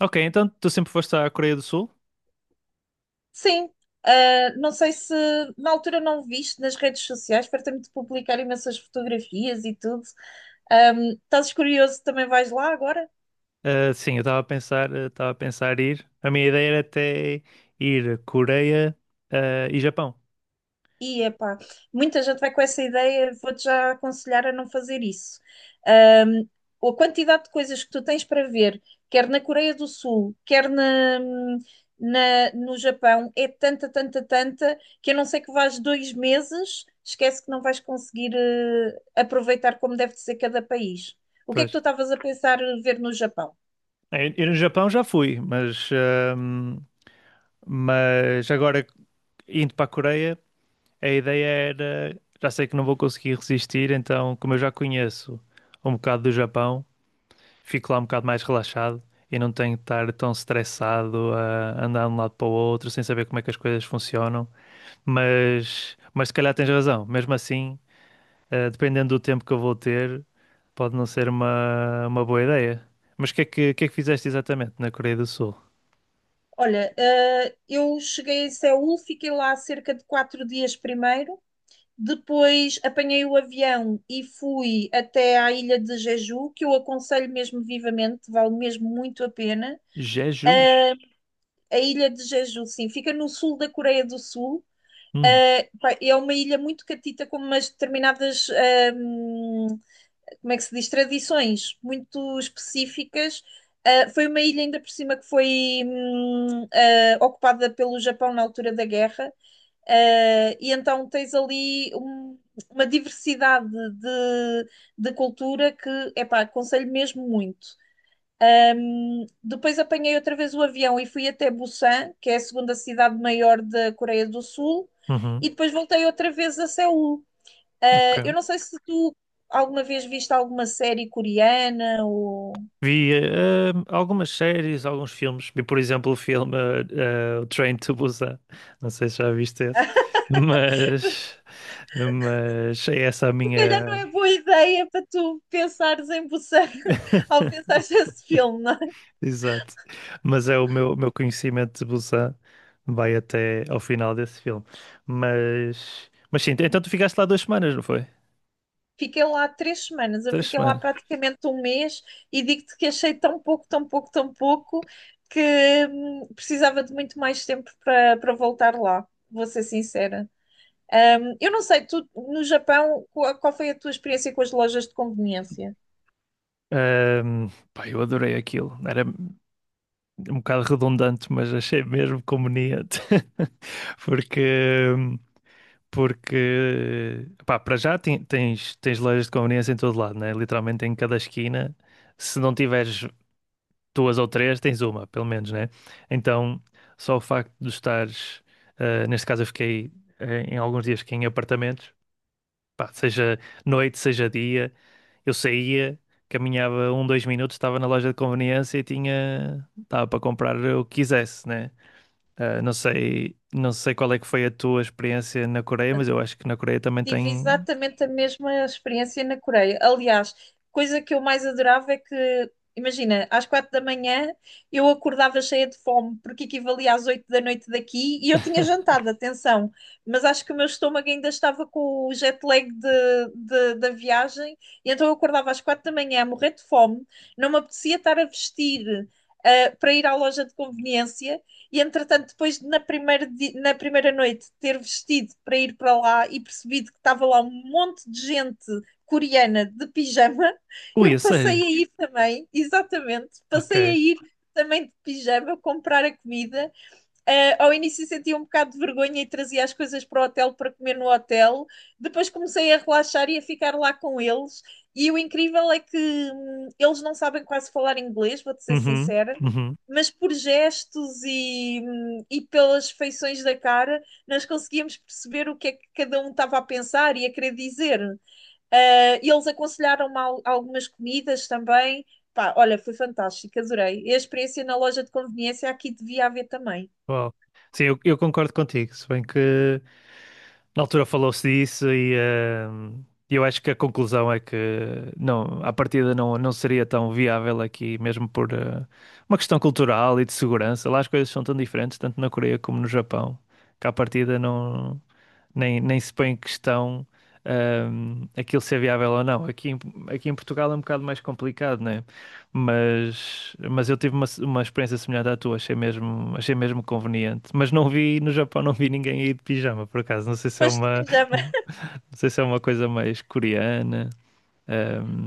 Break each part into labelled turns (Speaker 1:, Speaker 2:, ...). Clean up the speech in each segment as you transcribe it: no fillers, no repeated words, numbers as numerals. Speaker 1: Ok, então tu sempre foste à Coreia do Sul?
Speaker 2: Sim. Não sei se na altura não viste nas redes sociais, fartei-me de publicar imensas fotografias e tudo. Estás curioso, também vais lá agora?
Speaker 1: Ah, sim, eu estava a pensar, estava a pensar ir. A minha ideia era até ir Coreia, ah, e Japão.
Speaker 2: E epá, muita gente vai com essa ideia, vou-te já aconselhar a não fazer isso. Ahm, a quantidade de coisas que tu tens para ver, quer na Coreia do Sul, quer no Japão, é tanta, tanta, tanta, que a não ser que vás dois meses, esquece que não vais conseguir aproveitar como deve de ser cada país. O que é
Speaker 1: Pois.
Speaker 2: que tu estavas a pensar ver no Japão?
Speaker 1: Eu no Japão já fui, mas agora indo para a Coreia, a ideia era, já sei que não vou conseguir resistir, então como eu já conheço um bocado do Japão, fico lá um bocado mais relaxado e não tenho de estar tão estressado a andar de um lado para o outro sem saber como é que as coisas funcionam. Mas se calhar tens razão. Mesmo assim, dependendo do tempo que eu vou ter, pode não ser uma boa ideia. Mas o que é que fizeste exatamente na Coreia do Sul?
Speaker 2: Olha, eu cheguei a Seul, fiquei lá cerca de quatro dias primeiro, depois apanhei o avião e fui até à ilha de Jeju, que eu aconselho mesmo vivamente, vale mesmo muito a pena.
Speaker 1: Jeju.
Speaker 2: Eh, a ilha de Jeju, sim, fica no sul da Coreia do Sul.
Speaker 1: Hum,
Speaker 2: Eh pá, é uma ilha muito catita, com umas determinadas como é que se diz, tradições muito específicas. Foi uma ilha ainda por cima que foi ocupada pelo Japão na altura da guerra. E então tens ali uma diversidade de cultura que, epá, aconselho mesmo muito. Depois apanhei outra vez o avião e fui até Busan, que é a segunda cidade maior da Coreia do Sul,
Speaker 1: uhum.
Speaker 2: e depois voltei outra vez a Seul.
Speaker 1: Ok.
Speaker 2: Eu não sei se tu alguma vez viste alguma série coreana ou.
Speaker 1: Vi algumas séries, alguns filmes. Vi, por exemplo, o filme O Train to Busan. Não sei se já viste esse, mas, mas é essa a
Speaker 2: Se calhar não
Speaker 1: minha.
Speaker 2: é boa ideia para tu pensares em Busan ao pensares nesse filme, não é?
Speaker 1: Exato. Mas é o meu conhecimento de Busan vai até ao final desse filme. Mas sim, então tu ficaste lá duas semanas, não foi?
Speaker 2: Fiquei lá três semanas, eu
Speaker 1: Três
Speaker 2: fiquei lá
Speaker 1: semanas.
Speaker 2: praticamente um mês, e digo-te que achei tão pouco, tão pouco, tão pouco que precisava de muito mais tempo para voltar lá. Vou ser sincera. Eu não sei, tu no Japão, qual foi a tua experiência com as lojas de conveniência?
Speaker 1: Ahm, pá, eu adorei aquilo. Era um bocado redundante, mas achei mesmo conveniente. Porque, porque pá, para já tens lojas de conveniência em todo lado, né? Literalmente em cada esquina. Se não tiveres duas ou três, tens uma, pelo menos, né? Então, só o facto de estares, neste caso eu fiquei em alguns dias aqui em apartamentos, pá, seja noite, seja dia, eu saía, caminhava um, dois minutos, estava na loja de conveniência e estava para comprar o que quisesse, né? Não sei qual é que foi a tua experiência na Coreia, mas eu acho que na Coreia também
Speaker 2: Tive
Speaker 1: tem.
Speaker 2: exatamente a mesma experiência na Coreia. Aliás, coisa que eu mais adorava é que, imagina, às quatro da manhã eu acordava cheia de fome, porque equivalia às oito da noite daqui e eu tinha jantado, atenção. Mas acho que o meu estômago ainda estava com o jet lag da viagem, e então eu acordava às quatro da manhã a morrer de fome, não me apetecia estar a vestir, para ir à loja de conveniência. E entretanto, depois na na primeira noite ter vestido para ir para lá e percebido que estava lá um monte de gente coreana de pijama,
Speaker 1: Ui, a
Speaker 2: eu
Speaker 1: sério?
Speaker 2: passei a ir também, exatamente, passei a
Speaker 1: Ok.
Speaker 2: ir também de pijama comprar a comida. Ao início sentia um bocado de vergonha e trazia as coisas para o hotel para comer no hotel. Depois comecei a relaxar e a ficar lá com eles. E o incrível é que eles não sabem quase falar inglês, vou-te ser
Speaker 1: Uhum,
Speaker 2: sincera,
Speaker 1: uhum.
Speaker 2: mas por gestos e pelas feições da cara, nós conseguíamos perceber o que é que cada um estava a pensar e a querer dizer. Eles aconselharam-me algumas comidas também. Pá, olha, foi fantástico, adorei. E a experiência na loja de conveniência aqui devia haver também.
Speaker 1: Uau. Sim, eu concordo contigo, se bem que na altura falou-se disso e eu acho que a conclusão é que não, à partida não, não seria tão viável aqui, mesmo por uma questão cultural e de segurança. Lá as coisas são tão diferentes, tanto na Coreia como no Japão, que à partida nem se põe em questão aquilo ser viável ou não. Aqui em Portugal é um bocado mais complicado, né? Mas eu tive uma experiência semelhante à tua, achei mesmo conveniente. Mas não vi, no Japão não vi ninguém aí de pijama, por acaso. Não sei se é
Speaker 2: Pois, de pijama.
Speaker 1: não sei se é uma coisa mais coreana.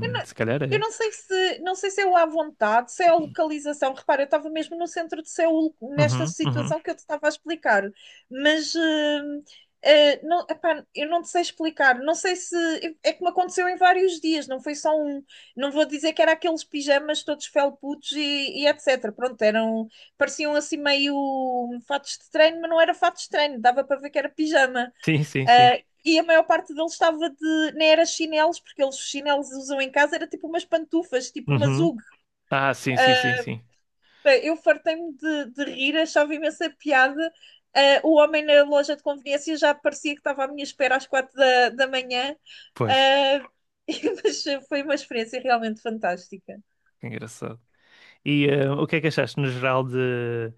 Speaker 2: Eu não,
Speaker 1: se calhar
Speaker 2: eu
Speaker 1: é.
Speaker 2: não sei se, não sei se é o à vontade, se é a localização. Repara, eu estava mesmo no centro de Seul, nesta
Speaker 1: Uhum, uhum.
Speaker 2: situação que eu te estava a explicar. Mas não, epá, eu não te sei explicar. Não sei se. É que me aconteceu em vários dias, não foi só um. Não vou dizer que era aqueles pijamas todos felputos e etc. Pronto, eram. Pareciam assim meio fatos de treino, mas não era fatos de treino, dava para ver que era pijama.
Speaker 1: Sim, sim, sim.
Speaker 2: E a maior parte deles estava de, nem era chinelos, porque eles os chinelos usam em casa, era tipo umas pantufas, tipo umas
Speaker 1: Uhum.
Speaker 2: UG.
Speaker 1: Ah, sim, sim, sim,
Speaker 2: Uh,
Speaker 1: sim.
Speaker 2: eu fartei-me de rir, achava imensa piada. O homem na loja de conveniência já parecia que estava à minha espera às quatro da manhã,
Speaker 1: Pois,
Speaker 2: uh, mas foi uma experiência realmente fantástica.
Speaker 1: que engraçado. E o que é que achaste no geral de,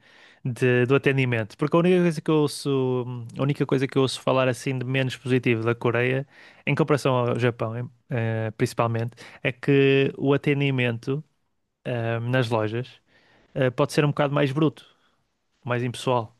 Speaker 1: de- do atendimento? Porque a única coisa que eu ouço, a única coisa que eu ouço falar assim de menos positivo da Coreia, em comparação ao Japão, principalmente, é que o atendimento nas lojas pode ser um bocado mais bruto, mais impessoal.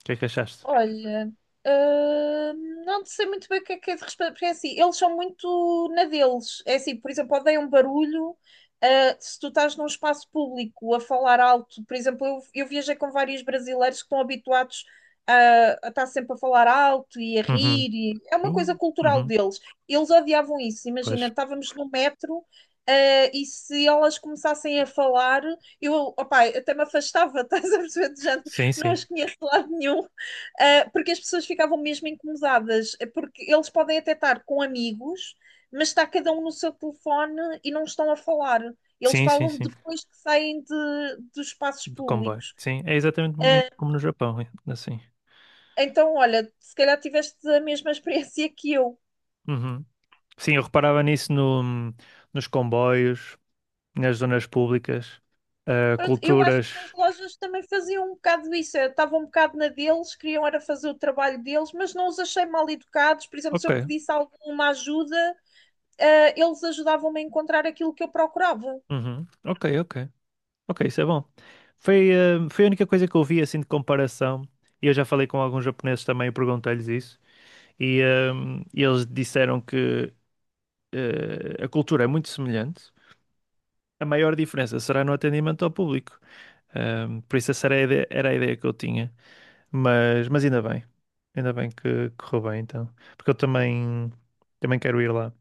Speaker 1: O que é que achaste?
Speaker 2: Olha, não sei muito bem o que é de responder, porque é assim, eles são muito na deles. É assim, por exemplo, odeiam barulho. Se tu estás num espaço público a falar alto, por exemplo, eu viajei com vários brasileiros que estão habituados a estar sempre a falar alto e a
Speaker 1: Uhum.
Speaker 2: rir, é uma coisa cultural
Speaker 1: Uhum.
Speaker 2: deles. Eles odiavam isso. Imagina,
Speaker 1: Pois.
Speaker 2: estávamos no metro, e se elas começassem a falar, eu, opá, até me afastava, estás a perceber? Já
Speaker 1: Sim,
Speaker 2: não
Speaker 1: sim.
Speaker 2: as conheço de lado nenhum. Porque as pessoas ficavam mesmo incomodadas. É porque eles podem até estar com amigos, mas está cada um no seu telefone e não estão a falar. Eles
Speaker 1: Sim, sim,
Speaker 2: falam
Speaker 1: sim.
Speaker 2: depois que saem dos espaços
Speaker 1: Do comboio.
Speaker 2: públicos.
Speaker 1: Sim, é exatamente
Speaker 2: Uh,
Speaker 1: como no Japão, é, assim.
Speaker 2: então, olha, se calhar tiveste a mesma experiência que eu.
Speaker 1: Uhum. Sim, eu reparava nisso no, nos comboios, nas zonas públicas, ah,
Speaker 2: Pronto, eu acho que nas
Speaker 1: culturas.
Speaker 2: lojas também faziam um bocado isso, estavam um bocado na deles, queriam era fazer o trabalho deles, mas não os achei mal educados. Por exemplo, se
Speaker 1: Ok,
Speaker 2: eu pedisse alguma ajuda, eles ajudavam-me a encontrar aquilo que eu procurava.
Speaker 1: uhum, ok, ok, ok, isso é bom. Foi, ah, foi a única coisa que eu vi assim de comparação. E eu já falei com alguns japoneses também e perguntei-lhes isso. E ah, eles disseram que ah, a cultura é muito semelhante. A maior diferença será no atendimento ao público. Ah, por isso essa era a ideia que eu tinha. Mas ainda bem. Ainda bem que correu bem, então. Porque eu também, também quero ir lá.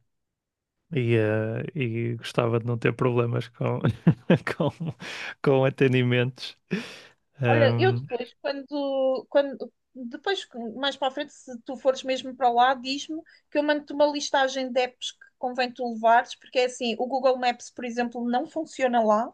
Speaker 1: E, e gostava de não ter problemas com, com, com atendimentos.
Speaker 2: Olha, eu
Speaker 1: Ahm,
Speaker 2: depois, quando depois, mais para a frente, se tu fores mesmo para lá, diz-me que eu mando-te uma listagem de apps que convém tu levares, porque é assim, o Google Maps, por exemplo, não funciona lá.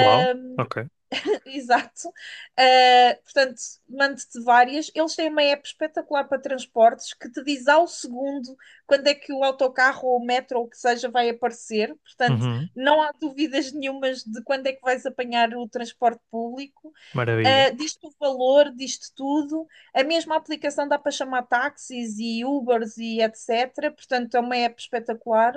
Speaker 1: uau, ok.
Speaker 2: Exato. Portanto, mando-te várias. Eles têm uma app espetacular para transportes que te diz ao segundo quando é que o autocarro ou o metro ou o que seja vai aparecer. Portanto,
Speaker 1: Uhum,
Speaker 2: não há dúvidas nenhumas de quando é que vais apanhar o transporte público.
Speaker 1: maravilha.
Speaker 2: Diz-te o valor, diz-te tudo. A mesma aplicação dá para chamar táxis e Ubers e etc. Portanto, é uma app espetacular.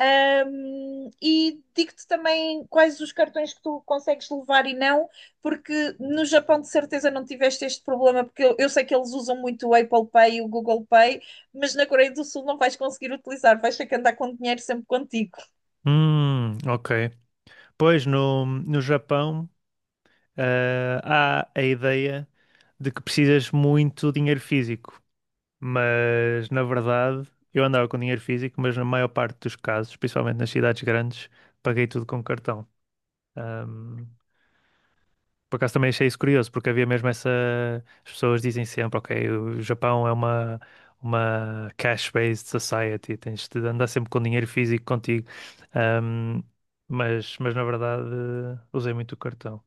Speaker 2: E digo-te também quais os cartões que tu consegues levar e não, porque no Japão de certeza não tiveste este problema, porque eu sei que eles usam muito o Apple Pay e o Google Pay, mas na Coreia do Sul não vais conseguir utilizar, vais ter que andar com dinheiro sempre contigo.
Speaker 1: Ok. Pois no Japão, há a ideia de que precisas muito dinheiro físico, mas na verdade eu andava com dinheiro físico, mas na maior parte dos casos, principalmente nas cidades grandes, paguei tudo com cartão. Por acaso também achei isso curioso, porque havia mesmo essa. As pessoas dizem sempre, ok, o Japão é uma cash-based society, tens de andar sempre com dinheiro físico contigo. Ahm, mas na verdade usei muito o cartão.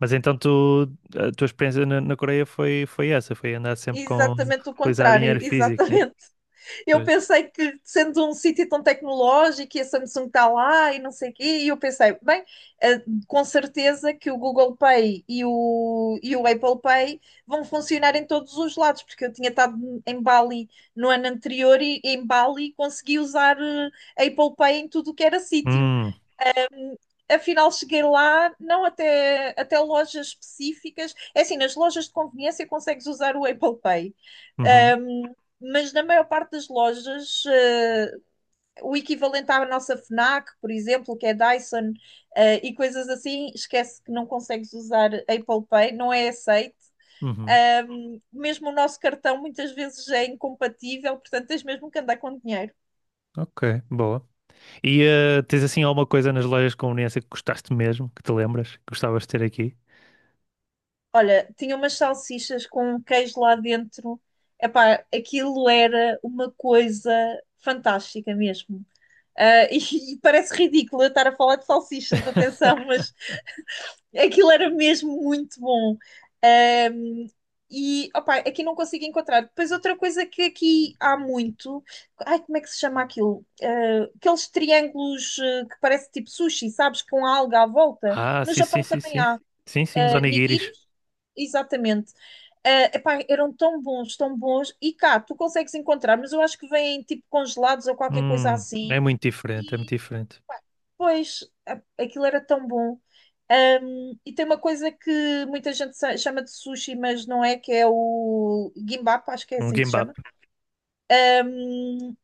Speaker 1: Mas então tu, a tua experiência na Coreia foi, foi essa, foi andar sempre com
Speaker 2: Exatamente o
Speaker 1: utilizar
Speaker 2: contrário,
Speaker 1: dinheiro físico, né?
Speaker 2: exatamente. Eu
Speaker 1: Pois.
Speaker 2: pensei que, sendo um sítio tão tecnológico e a Samsung está lá e não sei o quê, e eu pensei, bem, eh, com certeza que o Google Pay e o Apple Pay vão funcionar em todos os lados, porque eu tinha estado em Bali no ano anterior e em Bali consegui usar Apple Pay em tudo o que era sítio.
Speaker 1: Hum,
Speaker 2: Afinal cheguei lá, não, até até lojas específicas. É assim, nas lojas de conveniência consegues usar o Apple Pay.
Speaker 1: uhum,
Speaker 2: Um, mas na maior parte das lojas, o equivalente à nossa FNAC, por exemplo, que é Dyson, e coisas assim, esquece que não consegues usar Apple Pay, não é aceito.
Speaker 1: uhum.
Speaker 2: Mesmo o nosso cartão muitas vezes é incompatível, portanto tens mesmo que andar com dinheiro.
Speaker 1: Ok, boa. E tens assim alguma coisa nas lojas de conveniência que gostaste mesmo, que te lembras, que gostavas de ter aqui?
Speaker 2: Olha, tinha umas salsichas com um queijo lá dentro. Epá, aquilo era uma coisa fantástica mesmo. E, e parece ridículo eu estar a falar de salsichas, atenção, mas aquilo era mesmo muito bom. Ahm, e, opá, aqui não consigo encontrar. Depois outra coisa que aqui há muito. Ai, como é que se chama aquilo? Ah, aqueles triângulos que parece tipo sushi, sabes? Com a alga à volta.
Speaker 1: Ah,
Speaker 2: No
Speaker 1: sim, sim,
Speaker 2: Japão
Speaker 1: sim,
Speaker 2: também
Speaker 1: sim.
Speaker 2: há
Speaker 1: Sim, sim, os onigiris.
Speaker 2: nigiris, exatamente. Epá, eram tão bons, tão bons. E cá, tu consegues encontrar, mas eu acho que vêm tipo congelados ou qualquer coisa
Speaker 1: Hum, é
Speaker 2: assim.
Speaker 1: muito diferente, é muito
Speaker 2: E
Speaker 1: diferente.
Speaker 2: depois, aquilo era tão bom. E tem uma coisa que muita gente chama de sushi, mas não é, que é o gimbap, acho que é
Speaker 1: Um
Speaker 2: assim que se chama.
Speaker 1: gimbap.
Speaker 2: Um,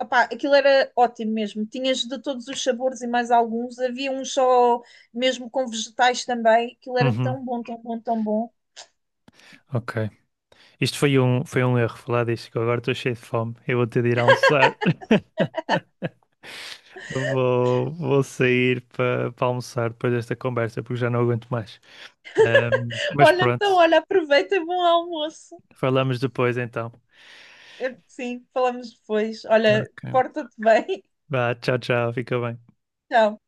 Speaker 2: Opá, aquilo era ótimo mesmo. Tinhas de todos os sabores e mais alguns. Havia um só mesmo com vegetais também. Aquilo era
Speaker 1: Uhum,
Speaker 2: tão bom, tão bom, tão bom.
Speaker 1: ok. Isto foi um erro falar disto, que eu agora estou cheio de fome. Eu vou ter de ir almoçar. Vou, vou sair para almoçar depois desta conversa, porque já não aguento mais. Mas
Speaker 2: Olha, então,
Speaker 1: pronto,
Speaker 2: olha, aproveita e bom almoço.
Speaker 1: falamos depois então.
Speaker 2: Sim, falamos depois. Olha,
Speaker 1: Ok.
Speaker 2: porta-te bem.
Speaker 1: Vá, tchau, tchau, fica bem.
Speaker 2: Tchau.